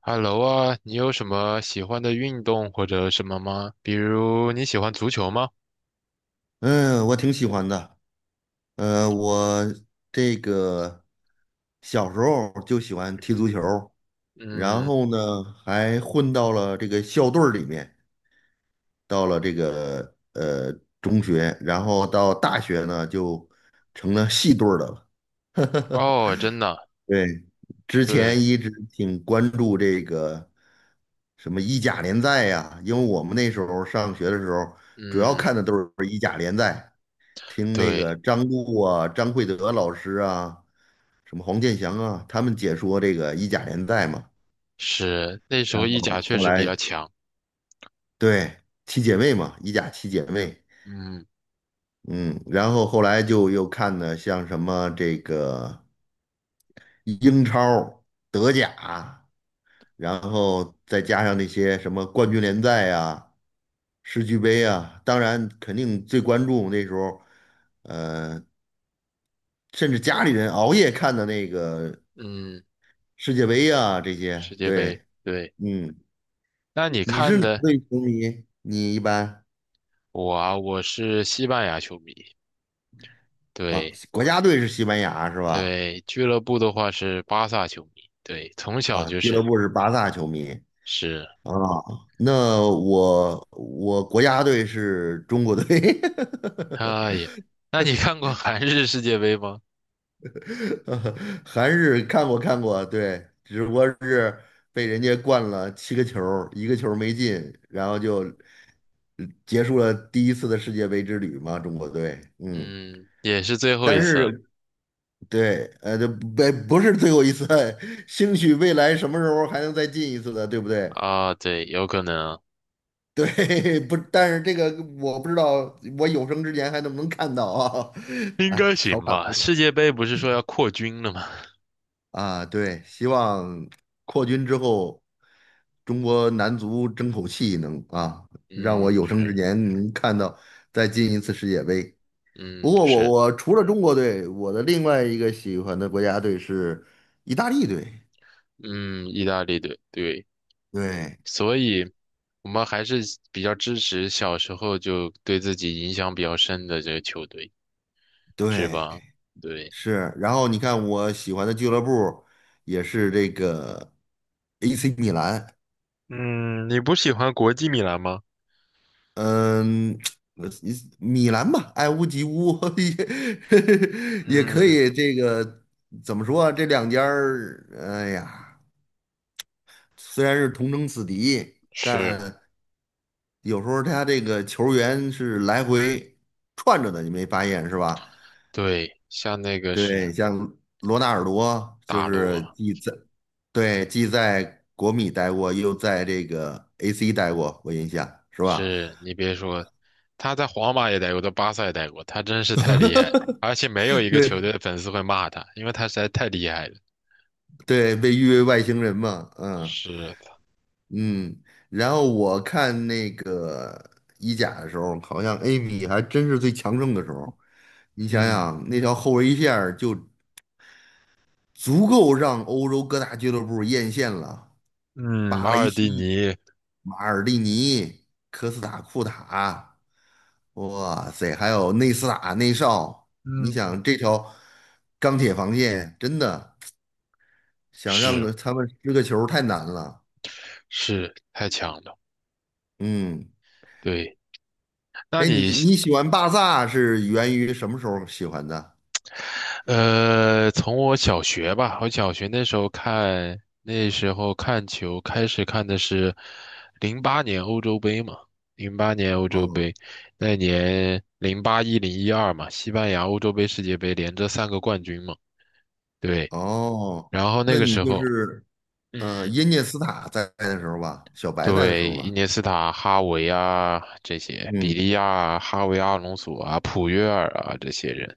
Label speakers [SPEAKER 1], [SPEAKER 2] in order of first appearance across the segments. [SPEAKER 1] Hello 啊，你有什么喜欢的运动或者什么吗？比如你喜欢足球吗？
[SPEAKER 2] 嗯，我挺喜欢的。我这个小时候就喜欢踢足球，然
[SPEAKER 1] 嗯。
[SPEAKER 2] 后呢，还混到了这个校队儿里面，到了这个中学，然后到大学呢，就成了系队儿的了。
[SPEAKER 1] 哦，真的？
[SPEAKER 2] 对，之
[SPEAKER 1] 对。
[SPEAKER 2] 前一直挺关注这个什么意甲联赛呀，因为我们那时候上学的时候，主要
[SPEAKER 1] 嗯。
[SPEAKER 2] 看的都是意甲联赛。听那个
[SPEAKER 1] 对。
[SPEAKER 2] 张璐啊、张惠德老师啊，什么黄健翔啊，他们解说这个意甲联赛嘛。
[SPEAKER 1] 是，那时候
[SPEAKER 2] 然
[SPEAKER 1] 意
[SPEAKER 2] 后
[SPEAKER 1] 甲确
[SPEAKER 2] 后
[SPEAKER 1] 实比
[SPEAKER 2] 来
[SPEAKER 1] 较强。
[SPEAKER 2] 对七姐妹嘛，意甲七姐妹，
[SPEAKER 1] 嗯。
[SPEAKER 2] 嗯，然后后来就又看的像什么这个英超、德甲，然后再加上那些什么冠军联赛啊、世俱杯啊，当然肯定最关注那时候，呃，甚至家里人熬夜看的那个
[SPEAKER 1] 嗯，
[SPEAKER 2] 世界杯呀、这些，
[SPEAKER 1] 世界杯，
[SPEAKER 2] 对，
[SPEAKER 1] 对。
[SPEAKER 2] 嗯，
[SPEAKER 1] 那你
[SPEAKER 2] 你
[SPEAKER 1] 看
[SPEAKER 2] 是哪
[SPEAKER 1] 的，
[SPEAKER 2] 队球迷？你一般
[SPEAKER 1] 我啊，我是西班牙球迷。
[SPEAKER 2] 啊，
[SPEAKER 1] 对
[SPEAKER 2] 国家队是西班牙是吧？
[SPEAKER 1] 对。俱乐部的话是巴萨球迷，对，从小
[SPEAKER 2] 啊，
[SPEAKER 1] 就
[SPEAKER 2] 俱乐
[SPEAKER 1] 是。
[SPEAKER 2] 部是巴萨球迷
[SPEAKER 1] 是。
[SPEAKER 2] 啊。那我国家队是中国队，
[SPEAKER 1] 哎呀，那你看过韩日世界杯吗？
[SPEAKER 2] 韩日看过看过，对，只不过是被人家灌了七个球儿一个球儿没进，然后就结束了第一次的世界杯之旅嘛，中国队，嗯。
[SPEAKER 1] 嗯，也是最后一
[SPEAKER 2] 但
[SPEAKER 1] 次。
[SPEAKER 2] 是对，这不是最后一次，兴许未来什么时候还能再进一次的，对不对？
[SPEAKER 1] 啊，对，有可能啊。
[SPEAKER 2] 对，不，但是这个我不知道，我有生之年还能不能看到啊？
[SPEAKER 1] 应
[SPEAKER 2] 哎，
[SPEAKER 1] 该
[SPEAKER 2] 调
[SPEAKER 1] 行
[SPEAKER 2] 侃
[SPEAKER 1] 吧？
[SPEAKER 2] 为
[SPEAKER 1] 世界杯不是说要扩军了吗？
[SPEAKER 2] 啊，对，希望扩军之后，中国男足争口气能啊，让我
[SPEAKER 1] 嗯，
[SPEAKER 2] 有生之
[SPEAKER 1] 是。
[SPEAKER 2] 年能看到再进一次世界杯。不
[SPEAKER 1] 嗯，
[SPEAKER 2] 过我
[SPEAKER 1] 是。
[SPEAKER 2] 我除了中国队，我的另外一个喜欢的国家队是意大利队。
[SPEAKER 1] 嗯，意大利队，对。
[SPEAKER 2] 对
[SPEAKER 1] 所以我们还是比较支持小时候就对自己影响比较深的这个球队，是
[SPEAKER 2] 对，
[SPEAKER 1] 吧？对。
[SPEAKER 2] 是，然后你看我喜欢的俱乐部也是这个 AC 米兰，
[SPEAKER 1] 嗯，你不喜欢国际米兰吗？
[SPEAKER 2] 嗯，呃米兰吧，爱屋及乌 也可
[SPEAKER 1] 嗯，
[SPEAKER 2] 以。这个怎么说啊？这两家儿，哎呀，虽然是同城死敌，
[SPEAKER 1] 是。
[SPEAKER 2] 但有时候他这个球员是来回串着的，你没发现是吧？
[SPEAKER 1] 对，像那个是
[SPEAKER 2] 对，像罗纳尔多就
[SPEAKER 1] 大陆。
[SPEAKER 2] 是对既在国米待过，又在这个 AC 待过，我印象是吧？
[SPEAKER 1] 是你别说，他在皇马也待过，在巴萨也待过，他真是太厉害，而且没有一 个球
[SPEAKER 2] 对
[SPEAKER 1] 队的粉丝会骂他，因为他实在太厉害了。
[SPEAKER 2] 对，被誉为外星人嘛，嗯
[SPEAKER 1] 是的。
[SPEAKER 2] 嗯。然后我看那个意甲的时候，好像 A 米还真是最强盛的时候。你想
[SPEAKER 1] 嗯。
[SPEAKER 2] 想，那条后卫线儿就足够让欧洲各大俱乐部艳羡了。
[SPEAKER 1] 嗯，
[SPEAKER 2] 巴
[SPEAKER 1] 马
[SPEAKER 2] 雷
[SPEAKER 1] 尔蒂
[SPEAKER 2] 西、
[SPEAKER 1] 尼。
[SPEAKER 2] 马尔蒂尼、科斯塔库塔，哇塞，还有内斯塔、内绍。你
[SPEAKER 1] 嗯。
[SPEAKER 2] 想这条钢铁防线，真的想让
[SPEAKER 1] 是，
[SPEAKER 2] 个他们失个球太难了。
[SPEAKER 1] 是太强了。
[SPEAKER 2] 嗯，
[SPEAKER 1] 对。那
[SPEAKER 2] 哎，你
[SPEAKER 1] 你，
[SPEAKER 2] 你喜欢巴萨是源于什么时候喜欢的？
[SPEAKER 1] 从我小学吧，我小学那时候看，那时候看球开始看的是零八年欧洲杯嘛，零八年欧洲
[SPEAKER 2] 哦
[SPEAKER 1] 杯。那年08、10、12嘛，西班牙欧洲杯、世界杯连着三个冠军嘛。对。
[SPEAKER 2] 哦，
[SPEAKER 1] 然后那
[SPEAKER 2] 那
[SPEAKER 1] 个
[SPEAKER 2] 你
[SPEAKER 1] 时
[SPEAKER 2] 就
[SPEAKER 1] 候，
[SPEAKER 2] 是嗯、
[SPEAKER 1] 嗯，
[SPEAKER 2] 耶涅斯塔在的时候吧，小白在的时
[SPEAKER 1] 对，
[SPEAKER 2] 候
[SPEAKER 1] 伊
[SPEAKER 2] 吧。
[SPEAKER 1] 涅斯塔、哈维啊这些，比
[SPEAKER 2] 嗯，
[SPEAKER 1] 利亚啊哈维、阿隆索啊、普约尔啊这些人。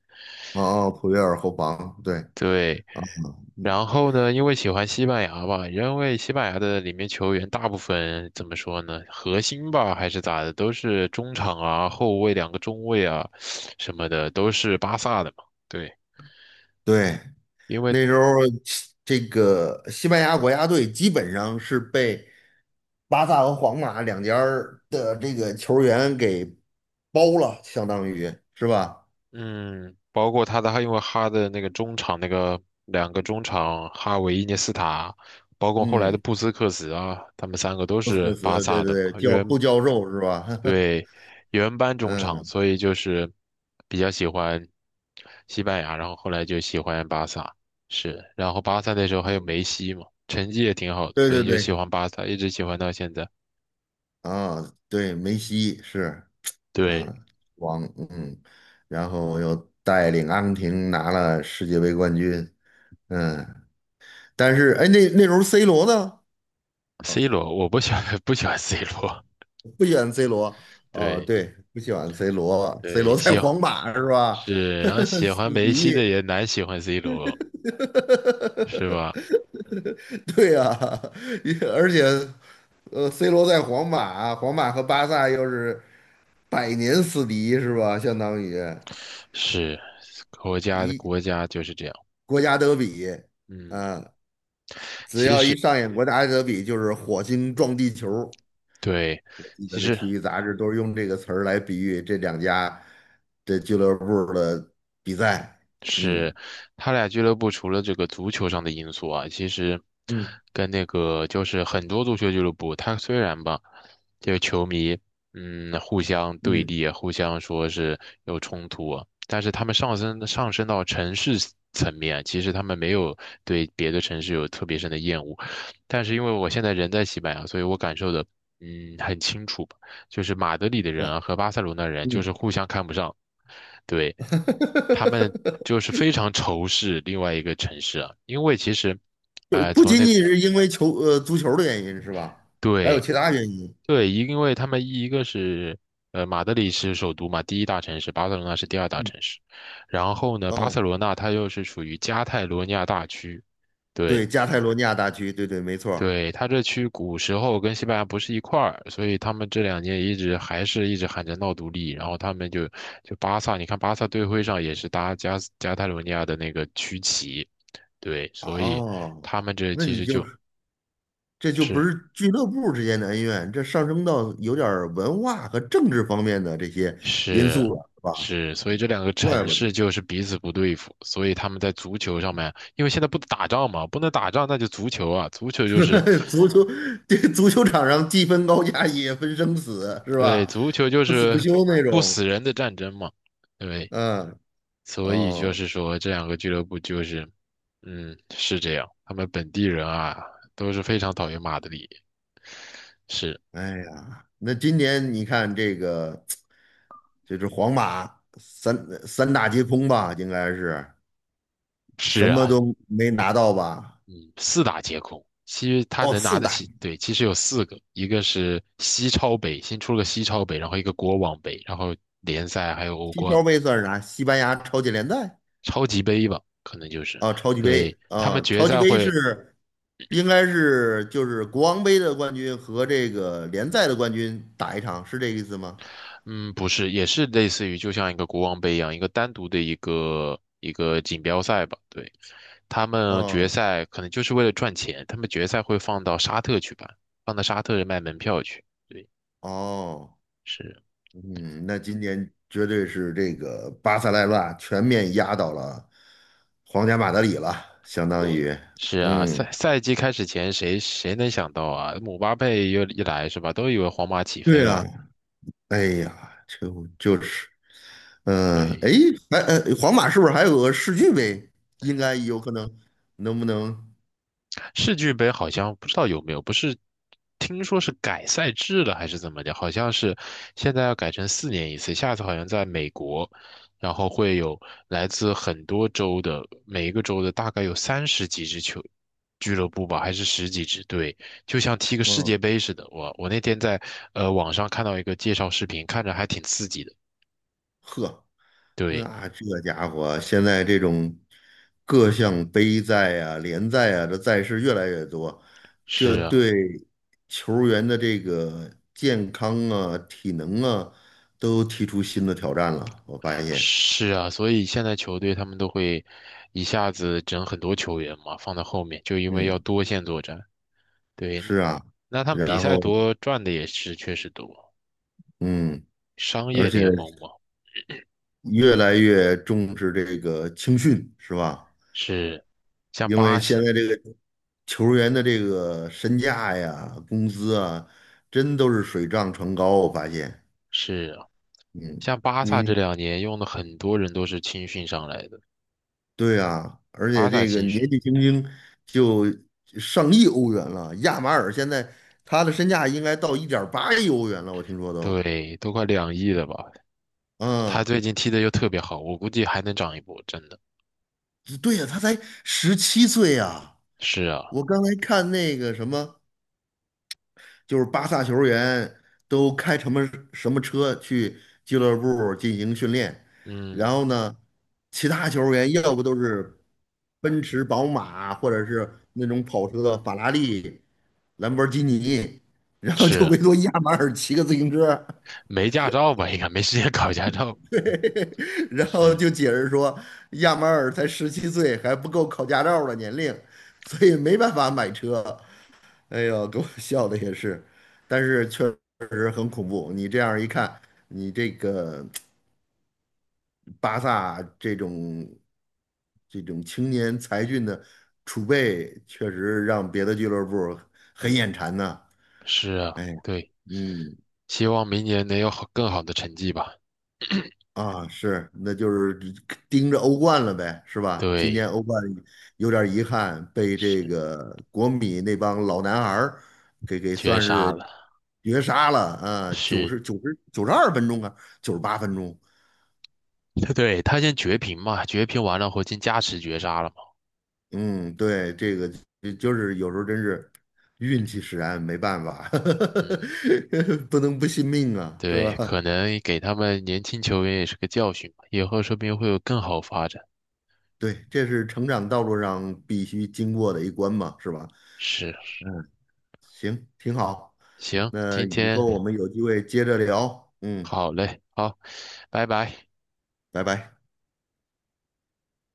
[SPEAKER 2] 哦哦，普约尔后防，对
[SPEAKER 1] 对，
[SPEAKER 2] 啊，嗯
[SPEAKER 1] 然后呢，因为喜欢西班牙吧，因为西班牙的里面球员大部分怎么说呢，核心吧还是咋的，都是中场啊、后卫两个中卫啊什么的，都是巴萨的嘛。对，
[SPEAKER 2] 对。
[SPEAKER 1] 因为
[SPEAKER 2] 那时候这个西班牙国家队基本上是被巴萨和皇马两家儿的这个球员给包了，相当于是吧？
[SPEAKER 1] 嗯，包括他的，他因为哈的那个中场那个两个中场哈维、伊涅斯塔，包括后来的
[SPEAKER 2] 嗯，
[SPEAKER 1] 布斯克茨啊，他们三个都
[SPEAKER 2] 托斯克
[SPEAKER 1] 是巴
[SPEAKER 2] 茨，对
[SPEAKER 1] 萨
[SPEAKER 2] 对
[SPEAKER 1] 的
[SPEAKER 2] 对，
[SPEAKER 1] 嘛。
[SPEAKER 2] 教
[SPEAKER 1] 原。
[SPEAKER 2] 布教授是吧？
[SPEAKER 1] 对，原班中场，
[SPEAKER 2] 嗯，
[SPEAKER 1] 所以就是比较喜欢西班牙，然后后来就喜欢巴萨。是，然后巴萨那时候还有梅西嘛，成绩也挺好的，
[SPEAKER 2] 对
[SPEAKER 1] 所
[SPEAKER 2] 对
[SPEAKER 1] 以就喜
[SPEAKER 2] 对，
[SPEAKER 1] 欢巴萨，一直喜欢到现在。
[SPEAKER 2] 啊，对，梅西是
[SPEAKER 1] 对
[SPEAKER 2] 啊，王，嗯，然后又带领阿根廷拿了世界杯冠军，嗯，但是哎，那时候 C 罗呢？
[SPEAKER 1] ，C 罗，我不喜欢 不喜欢 C 罗。
[SPEAKER 2] 不喜欢 C 罗，哦，
[SPEAKER 1] 对，
[SPEAKER 2] 对，不喜欢 C 罗，C
[SPEAKER 1] 对，
[SPEAKER 2] 罗在
[SPEAKER 1] 喜欢。
[SPEAKER 2] 皇马是吧？
[SPEAKER 1] 是，然后 喜欢
[SPEAKER 2] 死
[SPEAKER 1] 梅西
[SPEAKER 2] 敌，
[SPEAKER 1] 的也难喜欢 C 罗，是吧？
[SPEAKER 2] 对呀、啊，而且，C 罗在皇马，皇马和巴萨又是百年死敌是吧？相当于
[SPEAKER 1] 是，国家的
[SPEAKER 2] 一
[SPEAKER 1] 国家就是这样。
[SPEAKER 2] 国家德比，
[SPEAKER 1] 嗯，
[SPEAKER 2] 啊，只
[SPEAKER 1] 其
[SPEAKER 2] 要一
[SPEAKER 1] 实，
[SPEAKER 2] 上演国家德比，就是火星撞地球。
[SPEAKER 1] 对，
[SPEAKER 2] 我记
[SPEAKER 1] 其
[SPEAKER 2] 得那
[SPEAKER 1] 实。
[SPEAKER 2] 体育杂志都是用这个词儿来比喻这两家。这俱乐部的比赛，嗯
[SPEAKER 1] 是他俩俱乐部除了这个足球上的因素啊，其实
[SPEAKER 2] 嗯
[SPEAKER 1] 跟那个就是很多足球俱乐部，他虽然吧，这个球迷嗯互相对
[SPEAKER 2] 嗯，
[SPEAKER 1] 立啊，互相说是有冲突啊，但是他们上升到城市层面啊，其实他们没有对别的城市有特别深的厌恶。但是因为我现在人在西班牙，所以我感受的嗯很清楚吧，就是马德里的
[SPEAKER 2] 对
[SPEAKER 1] 人
[SPEAKER 2] 吧？
[SPEAKER 1] 啊和巴塞罗那人就是
[SPEAKER 2] 嗯，
[SPEAKER 1] 互相看不上。对，他们 就是非常仇视另外一个城市啊。因为其实，
[SPEAKER 2] 就是
[SPEAKER 1] 哎，
[SPEAKER 2] 不
[SPEAKER 1] 从
[SPEAKER 2] 仅
[SPEAKER 1] 那
[SPEAKER 2] 仅
[SPEAKER 1] 个，
[SPEAKER 2] 是因为足球的原因是吧？还有
[SPEAKER 1] 对。
[SPEAKER 2] 其他原因。
[SPEAKER 1] 对，因为他们一个是马德里是首都嘛，第一大城市，巴塞罗那是第二大
[SPEAKER 2] 嗯
[SPEAKER 1] 城市。然后呢，巴塞
[SPEAKER 2] 哦，
[SPEAKER 1] 罗那它又是属于加泰罗尼亚大区。对。
[SPEAKER 2] 对，加泰罗尼亚大区，对对，没错儿
[SPEAKER 1] 对，他这区古时候跟西班牙不是一块儿，所以他们这两年一直还是一直喊着闹独立，然后他们就就巴萨，你看巴萨队徽上也是搭加斯加泰罗尼亚的那个区旗。对，所以
[SPEAKER 2] 哦，
[SPEAKER 1] 他们这
[SPEAKER 2] 那
[SPEAKER 1] 其
[SPEAKER 2] 你
[SPEAKER 1] 实
[SPEAKER 2] 就
[SPEAKER 1] 就
[SPEAKER 2] 这就不
[SPEAKER 1] 是。
[SPEAKER 2] 是俱乐部之间的恩怨，这上升到有点儿文化和政治方面的这些因
[SPEAKER 1] 是。
[SPEAKER 2] 素了，是吧？
[SPEAKER 1] 是，所以这两个
[SPEAKER 2] 怪
[SPEAKER 1] 城
[SPEAKER 2] 不
[SPEAKER 1] 市
[SPEAKER 2] 得
[SPEAKER 1] 就是彼此不对付，所以他们在足球上面，因为现在不打仗嘛，不能打仗，那就足球啊，足球就是。
[SPEAKER 2] 足球这足球场上既分高下也分生死，是
[SPEAKER 1] 对，
[SPEAKER 2] 吧？
[SPEAKER 1] 足球就
[SPEAKER 2] 不死不
[SPEAKER 1] 是
[SPEAKER 2] 休那
[SPEAKER 1] 不
[SPEAKER 2] 种。
[SPEAKER 1] 死人的战争嘛。对，
[SPEAKER 2] 嗯，
[SPEAKER 1] 所以就
[SPEAKER 2] 哦，
[SPEAKER 1] 是说，这两个俱乐部就是，嗯，是这样。他们本地人啊，都是非常讨厌马德里。是。
[SPEAKER 2] 哎呀，那今年你看这个，就是皇马三大皆空吧，应该是
[SPEAKER 1] 是
[SPEAKER 2] 什么
[SPEAKER 1] 啊，
[SPEAKER 2] 都没拿到吧？
[SPEAKER 1] 嗯，四大皆空。其实他
[SPEAKER 2] 哦，
[SPEAKER 1] 能拿
[SPEAKER 2] 四
[SPEAKER 1] 得
[SPEAKER 2] 大，
[SPEAKER 1] 起，对，其实有四个，一个是西超杯，新出了个西超杯，然后一个国王杯，然后联赛还有欧
[SPEAKER 2] 西
[SPEAKER 1] 冠
[SPEAKER 2] 超
[SPEAKER 1] 嘛。
[SPEAKER 2] 杯算是啥？西班牙超级联赛
[SPEAKER 1] 超级杯吧，可能就是。
[SPEAKER 2] 啊，超级杯
[SPEAKER 1] 对，他们
[SPEAKER 2] 啊，
[SPEAKER 1] 决
[SPEAKER 2] 超级
[SPEAKER 1] 赛
[SPEAKER 2] 杯
[SPEAKER 1] 会
[SPEAKER 2] 是应该是就是国王杯的冠军和这个联赛的冠军打一场，是这个意思吗？
[SPEAKER 1] 嗯，不是，也是类似于就像一个国王杯一样，一个单独的一个锦标赛吧。对，他们决
[SPEAKER 2] 哦
[SPEAKER 1] 赛可能就是为了赚钱，他们决赛会放到沙特去办，放到沙特卖门票去。对。
[SPEAKER 2] 哦。
[SPEAKER 1] 是。
[SPEAKER 2] 嗯，那今年绝对是这个巴塞莱纳全面压倒了皇家马德里了，相当对于，
[SPEAKER 1] 是啊，
[SPEAKER 2] 嗯，
[SPEAKER 1] 赛季开始前谁能想到啊？姆巴佩又一来是吧，都以为皇马起飞
[SPEAKER 2] 对啊，
[SPEAKER 1] 了。
[SPEAKER 2] 哎呀，就是，嗯、哎，
[SPEAKER 1] 对，
[SPEAKER 2] 还、皇马是不是还有个世俱杯？应该有可能，能不能？
[SPEAKER 1] 世俱杯好像不知道有没有，不是听说是改赛制了还是怎么的？好像是现在要改成4年一次，下次好像在美国，然后会有来自很多州的，每一个州的大概有30几支球俱乐部吧，还是10几支队，就像踢个世
[SPEAKER 2] 嗯，
[SPEAKER 1] 界杯似的。我那天在网上看到一个介绍视频，看着还挺刺激的。
[SPEAKER 2] 呵。
[SPEAKER 1] 对。
[SPEAKER 2] 那这家伙现在这种各项杯赛啊、联赛啊，这赛事越来越多，
[SPEAKER 1] 是
[SPEAKER 2] 这
[SPEAKER 1] 啊。
[SPEAKER 2] 对球员的这个健康啊、体能啊，都提出新的挑战了。我发现，
[SPEAKER 1] 是啊，所以现在球队他们都会一下子整很多球员嘛，放在后面，就因为要
[SPEAKER 2] 嗯，
[SPEAKER 1] 多线作战。对。
[SPEAKER 2] 是啊，
[SPEAKER 1] 那他们比
[SPEAKER 2] 然
[SPEAKER 1] 赛
[SPEAKER 2] 后
[SPEAKER 1] 多赚的也是确实多，
[SPEAKER 2] 嗯，
[SPEAKER 1] 商
[SPEAKER 2] 而
[SPEAKER 1] 业
[SPEAKER 2] 且
[SPEAKER 1] 联盟嘛。
[SPEAKER 2] 越来越重视这个青训，是吧？
[SPEAKER 1] 是，像
[SPEAKER 2] 因
[SPEAKER 1] 巴
[SPEAKER 2] 为
[SPEAKER 1] 西，
[SPEAKER 2] 现在这个球员的这个身价呀、工资啊，真都是水涨船高。我发现，
[SPEAKER 1] 是啊，
[SPEAKER 2] 嗯，
[SPEAKER 1] 像巴萨这
[SPEAKER 2] 你
[SPEAKER 1] 两年用的很多人都是青训上来的，
[SPEAKER 2] 对啊，而且
[SPEAKER 1] 巴萨
[SPEAKER 2] 这个
[SPEAKER 1] 青训。
[SPEAKER 2] 年纪轻轻就上亿欧元了。亚马尔现在他的身价应该到1.8亿欧元了，我听说都。
[SPEAKER 1] 对，都快2亿了吧？他
[SPEAKER 2] 嗯，
[SPEAKER 1] 最近踢的又特别好，我估计还能涨一波，真的。
[SPEAKER 2] 对呀，他才十七岁呀。
[SPEAKER 1] 是啊。
[SPEAKER 2] 我刚才看那个什么，就是巴萨球员都开什么什么车去俱乐部进行训练，然
[SPEAKER 1] 嗯，
[SPEAKER 2] 后呢，其他球员要不都是奔驰、宝马，或者是那种跑车，法拉利、兰博基尼，然后就
[SPEAKER 1] 是，
[SPEAKER 2] 唯独亚马尔骑个自行车，
[SPEAKER 1] 没驾照吧？应该没时间 考驾照。
[SPEAKER 2] 然后
[SPEAKER 1] 是。
[SPEAKER 2] 就解释说亚马尔才十七岁，还不够考驾照的年龄，所以没办法买车。哎呦，给我笑的也是，但是确实很恐怖。你这样一看，你这个巴萨这种青年才俊的储备，确实让别的俱乐部很眼馋呢。
[SPEAKER 1] 是啊。
[SPEAKER 2] 哎，
[SPEAKER 1] 对，
[SPEAKER 2] 嗯。
[SPEAKER 1] 希望明年能有更好的成绩吧。
[SPEAKER 2] 啊，是，那就是盯着欧冠了呗，是吧？今年
[SPEAKER 1] 对，
[SPEAKER 2] 欧冠有点遗憾，被这
[SPEAKER 1] 是，
[SPEAKER 2] 个国米那帮老男孩儿给
[SPEAKER 1] 绝
[SPEAKER 2] 算
[SPEAKER 1] 杀
[SPEAKER 2] 是
[SPEAKER 1] 了。
[SPEAKER 2] 绝杀了啊！
[SPEAKER 1] 是。
[SPEAKER 2] 92分钟啊，98分钟。
[SPEAKER 1] 对，他先绝平嘛，绝平完了后进加时绝杀了嘛。
[SPEAKER 2] 嗯，对，这个就是有时候真是运气使然，没办法，
[SPEAKER 1] 嗯，
[SPEAKER 2] 不能不信命啊，是
[SPEAKER 1] 对，
[SPEAKER 2] 吧？
[SPEAKER 1] 可能给他们年轻球员也是个教训吧，以后说不定会有更好发展。
[SPEAKER 2] 对，这是成长道路上必须经过的一关嘛，是吧？
[SPEAKER 1] 是。
[SPEAKER 2] 嗯行，挺好。
[SPEAKER 1] 行，
[SPEAKER 2] 那
[SPEAKER 1] 今
[SPEAKER 2] 以
[SPEAKER 1] 天。
[SPEAKER 2] 后我们有机会接着聊。嗯，
[SPEAKER 1] 好嘞，好，拜拜。
[SPEAKER 2] 拜拜。